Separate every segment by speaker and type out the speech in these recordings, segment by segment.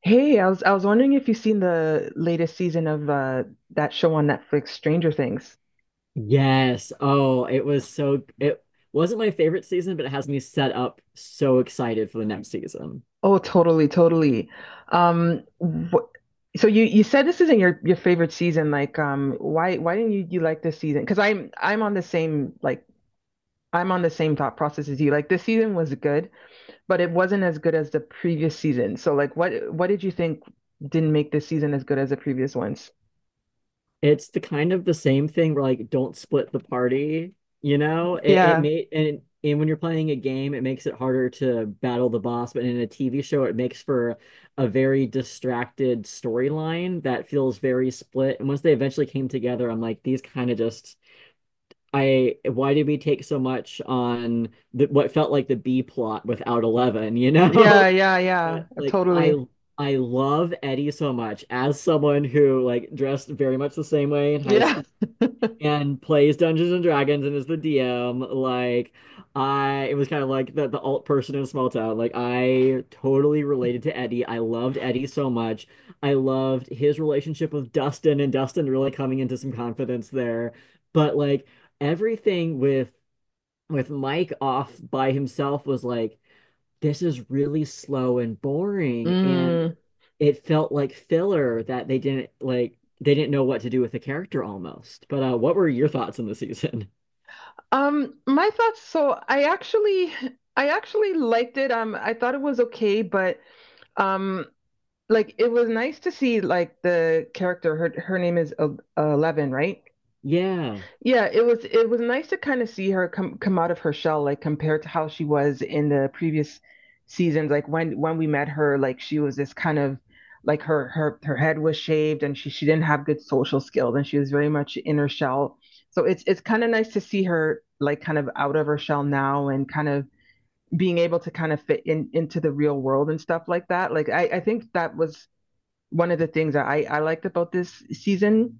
Speaker 1: Hey, I was wondering if you've seen the latest season of that show on Netflix, Stranger Things.
Speaker 2: Yes. Oh, it was so it wasn't my favorite season, but it has me set up so excited for the next season.
Speaker 1: Oh, totally, totally. Wh So you said this isn't your favorite season. Like, why didn't you like this season? Because I'm on the same like I'm on the same thought process as you. Like, this season was good, but it wasn't as good as the previous season. So, like, what did you think didn't make this season as good as the previous ones?
Speaker 2: It's the kind of the same thing where, like, don't split the party, you know? It
Speaker 1: Yeah,
Speaker 2: made, and when you're playing a game, it makes it harder to battle the boss, but in a TV show, it makes for a very distracted storyline that feels very split. And once they eventually came together, I'm like, these kind of just, I, why did we take so much on the, what felt like the B plot without Eleven, you know?
Speaker 1: yeah, yeah, yeah,
Speaker 2: But like I
Speaker 1: totally.
Speaker 2: I love Eddie so much, as someone who, like, dressed very much the same way in high
Speaker 1: Yeah.
Speaker 2: school and plays Dungeons and Dragons and is the DM. Like, I, it was kind of like the alt person in a small town. Like, I totally related to Eddie. I loved Eddie so much. I loved his relationship with Dustin, and Dustin really coming into some confidence there. But like, everything with Mike off by himself was like, this is really slow and boring, and it felt like filler that they didn't, like, they didn't know what to do with the character almost. But what were your thoughts on the season?
Speaker 1: My thoughts, I actually liked it. I thought it was okay, but um like it was nice to see like the character her name is Eleven, right?
Speaker 2: Yeah.
Speaker 1: Yeah, it was nice to kind of see her come out of her shell, like compared to how she was in the previous seasons. Like when we met her, like she was this kind of like her head was shaved and she didn't have good social skills and she was very much in her shell. So it's kind of nice to see her like kind of out of her shell now and kind of being able to kind of fit in into the real world and stuff like that. Like I think that was one of the things that I liked about this season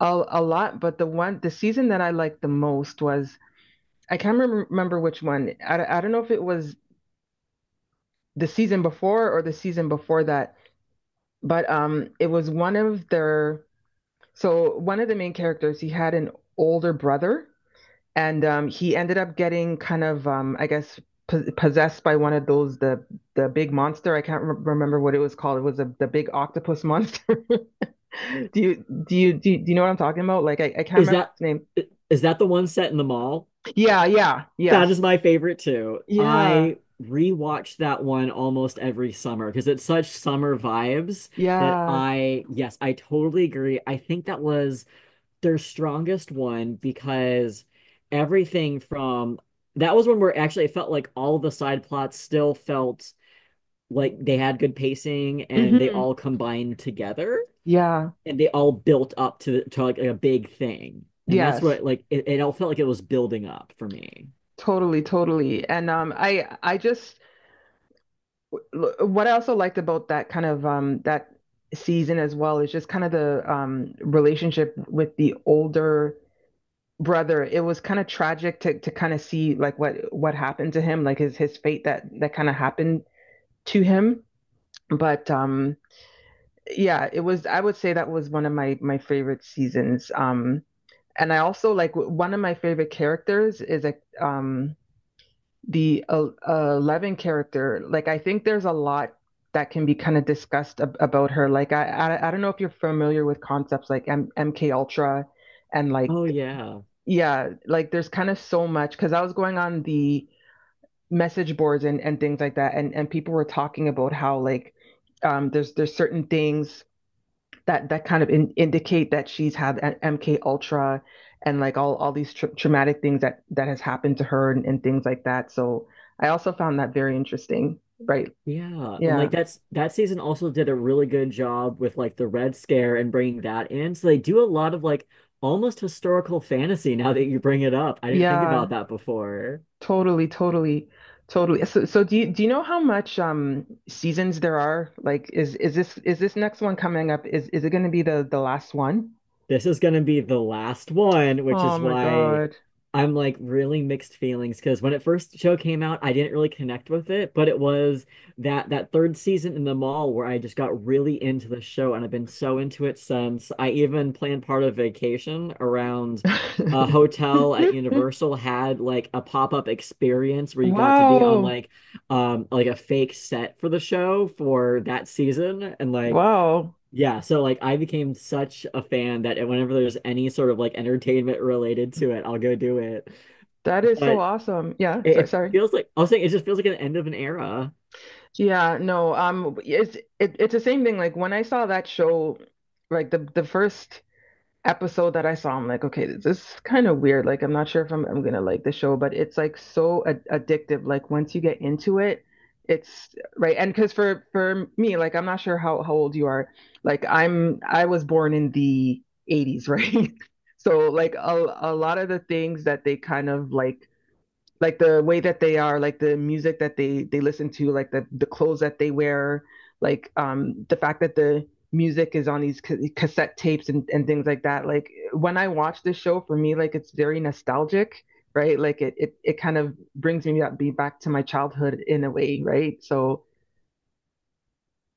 Speaker 1: a lot, but the season that I liked the most was I can't remember which one. I don't know if it was the season before or the season before that, but it was one of their so one of the main characters he had an older brother and he ended up getting kind of I guess possessed by one of those the big monster. I can't remember what it was called. It was the big octopus monster. Do you know what I'm talking about? Like I can't
Speaker 2: Is
Speaker 1: remember
Speaker 2: that
Speaker 1: its name.
Speaker 2: is that the one set in the mall?
Speaker 1: Yeah, yeah,
Speaker 2: That is
Speaker 1: yes.
Speaker 2: my favorite too.
Speaker 1: Yeah,
Speaker 2: I rewatch that one almost every summer because it's such summer vibes that
Speaker 1: yeah,
Speaker 2: I, yes, I totally agree. I think that was their strongest one, because everything from that was one where actually it felt like all the side plots still felt like they had good pacing, and they
Speaker 1: hmm
Speaker 2: all combined together
Speaker 1: yeah,
Speaker 2: and they all built up to like a big thing, and that's
Speaker 1: yes,
Speaker 2: what, like, it all felt like it was building up for me.
Speaker 1: totally, totally. And I just what I also liked about that kind of that season as well is just kind of the relationship with the older brother. It was kind of tragic to kind of see like what happened to him, like his fate that kind of happened to him. But yeah, it was. I would say that was one of my favorite seasons. And I also like one of my favorite characters is a um the Eleven character. Like I think there's a lot that can be kind of discussed about her. Like I don't know if you're familiar with concepts like MK Ultra and like
Speaker 2: Oh yeah.
Speaker 1: yeah, like there's kind of so much because I was going on the message boards and things like that and people were talking about how like there's certain things that kind of indicate that she's had MK Ultra and like all these traumatic things that that has happened to her and things like that. So I also found that very interesting. Right.
Speaker 2: Yeah. And
Speaker 1: Yeah.
Speaker 2: like, that's that season also did a really good job with, like, the Red Scare and bringing that in. So they do a lot of, like, almost historical fantasy, now that you bring it up. I didn't think about
Speaker 1: Yeah.
Speaker 2: that before.
Speaker 1: Totally. Totally. Totally. So so do you know how much seasons there are? Like is this next one coming up? Is it going to be the last one?
Speaker 2: This is gonna be the last one, which
Speaker 1: Oh
Speaker 2: is
Speaker 1: my
Speaker 2: why
Speaker 1: God.
Speaker 2: I'm like really mixed feelings, because when it first show came out, I didn't really connect with it, but it was that third season in the mall where I just got really into the show, and I've been so into it since. I even planned part of vacation around a hotel at Universal, had like a pop-up experience where you got to be on,
Speaker 1: Wow.
Speaker 2: like, like a fake set for the show for that season, and like,
Speaker 1: Wow.
Speaker 2: yeah, so like I became such a fan that whenever there's any sort of like entertainment related to it, I'll go do it.
Speaker 1: That is so
Speaker 2: But
Speaker 1: awesome. Yeah.
Speaker 2: it,
Speaker 1: Sorry.
Speaker 2: it
Speaker 1: Sorry.
Speaker 2: feels like, I was saying, it just feels like an end of an era.
Speaker 1: Yeah, no, it's the same thing. Like when I saw that show, like the first episode that I saw, I'm like, okay, this is kind of weird. Like I'm not sure if I'm gonna like the show, but it's like so ad addictive. Like once you get into it, it's right. And because for me, like I'm not sure how old you are. Like I was born in the 80s, right? So like a lot of the things that they kind of like the way that they are, like the music that they listen to, like the clothes that they wear, like the fact that the music is on these cassette tapes and things like that. Like when I watch this show, for me, like it's very nostalgic, right? Like it kind of brings me up be back to my childhood in a way, right? So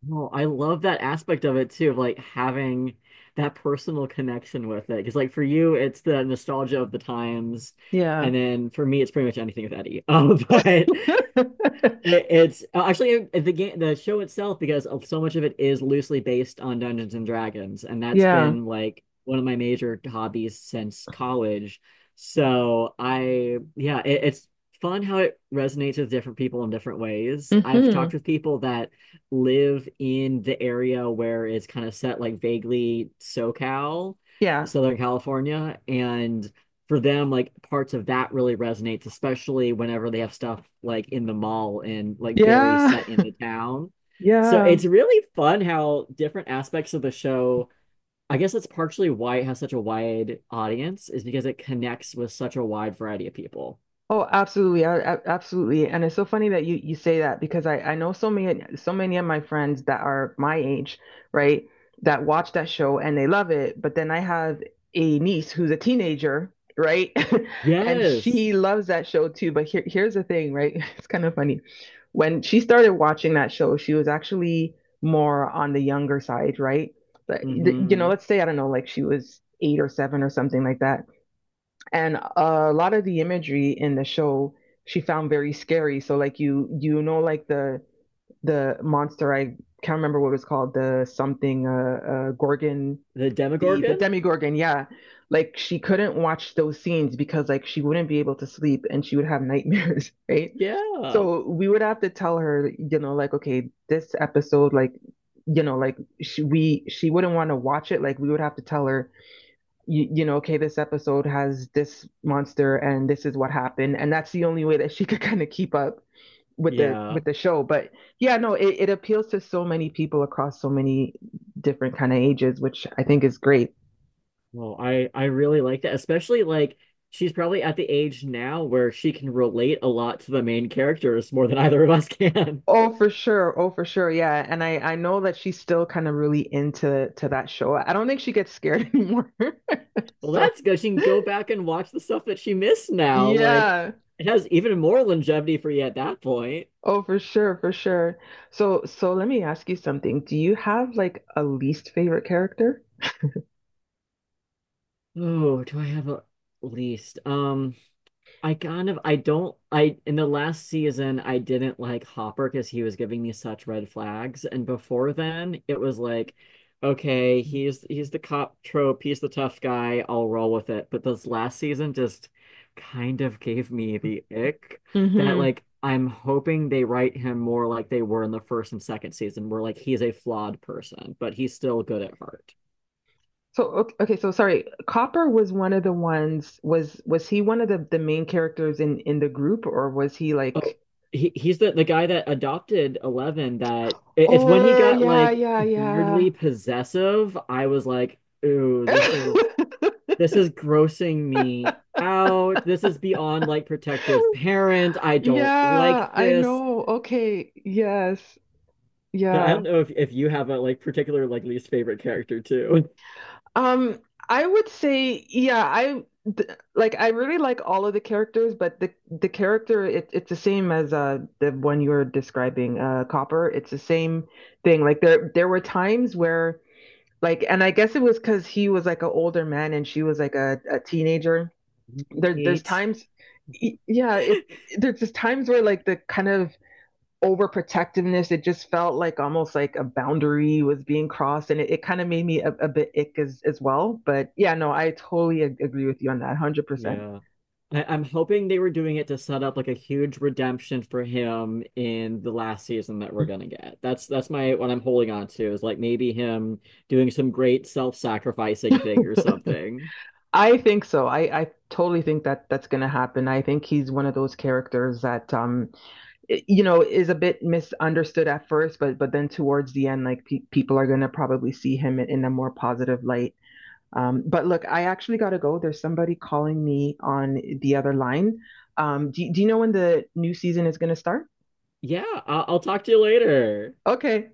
Speaker 2: No, I love that aspect of it too, of like having that personal connection with it. Because like for you, it's the nostalgia of the times,
Speaker 1: yeah,
Speaker 2: and then for me, it's pretty much anything with Eddie. But it's actually the game, the show itself, because so much of it is loosely based on Dungeons and Dragons, and that's
Speaker 1: yeah,
Speaker 2: been like one of my major hobbies since college. So I, yeah, it's fun how it resonates with different people in different ways. I've
Speaker 1: hmm
Speaker 2: talked with people that live in the area where it's kind of set, like vaguely SoCal,
Speaker 1: yeah,
Speaker 2: Southern California, and for them, like parts of that really resonates, especially whenever they have stuff like in the mall and like very
Speaker 1: yeah,
Speaker 2: set in the town. So
Speaker 1: yeah.
Speaker 2: it's really fun how different aspects of the show. I guess that's partially why it has such a wide audience, is because it connects with such a wide variety of people.
Speaker 1: Oh, absolutely. Absolutely. And it's so funny that you say that because I know so many so many of my friends that are my age, right, that watch that show and they love it, but then I have a niece who's a teenager, right? And
Speaker 2: Yes.
Speaker 1: she loves that show too, but here's the thing, right? It's kind of funny. When she started watching that show, she was actually more on the younger side, right? But, you know,
Speaker 2: Hmm.
Speaker 1: let's say I don't know, like she was eight or seven or something like that. And a lot of the imagery in the show she found very scary. So like you know like the monster I can't remember what it was called the something gorgon
Speaker 2: The
Speaker 1: the
Speaker 2: Demogorgon?
Speaker 1: demigorgon yeah like she couldn't watch those scenes because like she wouldn't be able to sleep and she would have nightmares right
Speaker 2: Yeah.
Speaker 1: so we would have to tell her you know like okay this episode like you know like she wouldn't want to watch it like we would have to tell her you know, okay, this episode has this monster and this is what happened. And that's the only way that she could kind of keep up with
Speaker 2: Yeah.
Speaker 1: the show. But yeah, no, it appeals to so many people across so many different kind of ages, which I think is great.
Speaker 2: Well, I really like that, especially like she's probably at the age now where she can relate a lot to the main characters more than either of us can.
Speaker 1: Oh, for sure. Oh, for sure. Yeah. And I know that she's still kind of really into to that show. I don't think she gets scared anymore.
Speaker 2: Well,
Speaker 1: So
Speaker 2: that's good. She can go back and watch the stuff that she missed now. Like,
Speaker 1: yeah.
Speaker 2: it has even more longevity for you at that point.
Speaker 1: Oh, for sure, for sure. So so let me ask you something. Do you have like a least favorite character?
Speaker 2: Oh, do I have a least? I kind of, I don't, I, in the last season I didn't like Hopper, because he was giving me such red flags. And before then it was like, okay, he's the cop trope, he's the tough guy, I'll roll with it. But this last season just kind of gave me the ick, that
Speaker 1: hmm
Speaker 2: like I'm hoping they write him more like they were in the first and second season, where like he's a flawed person, but he's still good at heart.
Speaker 1: So okay, okay, so sorry. Copper was one of the ones was he one of the main characters in the group or was he
Speaker 2: Oh,
Speaker 1: like
Speaker 2: he's the guy that adopted Eleven. That it's when he
Speaker 1: Oh
Speaker 2: got
Speaker 1: yeah,
Speaker 2: like
Speaker 1: yeah, yeah.
Speaker 2: weirdly possessive. I was like, ooh, this is grossing me out. This is beyond like protective parent. I don't
Speaker 1: Yeah,
Speaker 2: like
Speaker 1: I
Speaker 2: this.
Speaker 1: know. Okay. Yes.
Speaker 2: But I
Speaker 1: Yeah.
Speaker 2: don't know if you have a like particular like least favorite character too.
Speaker 1: Um, I would say, yeah, I th like I really like all of the characters, but the character it's the same as the one you were describing, Copper. It's the same thing. Like there were times where like and I guess it was because he was like an older man and she was like a teenager. There's
Speaker 2: Nate.
Speaker 1: times yeah, it there's just times where like the kind of overprotectiveness. It just felt like almost like a boundary was being crossed, and it kind of made me a bit ick as well. But yeah, no, I totally agree with you on that, 100%.
Speaker 2: Yeah. I'm hoping they were doing it to set up like a huge redemption for him in the last season that we're gonna get. That's my what I'm holding on to, is like maybe him doing some great self-sacrificing thing or something.
Speaker 1: I think so. I totally think that that's going to happen. I think he's one of those characters that you know is a bit misunderstood at first but then towards the end like people are going to probably see him in a more positive light but look I actually got to go there's somebody calling me on the other line do you know when the new season is going to start
Speaker 2: Yeah, I'll talk to you later.
Speaker 1: okay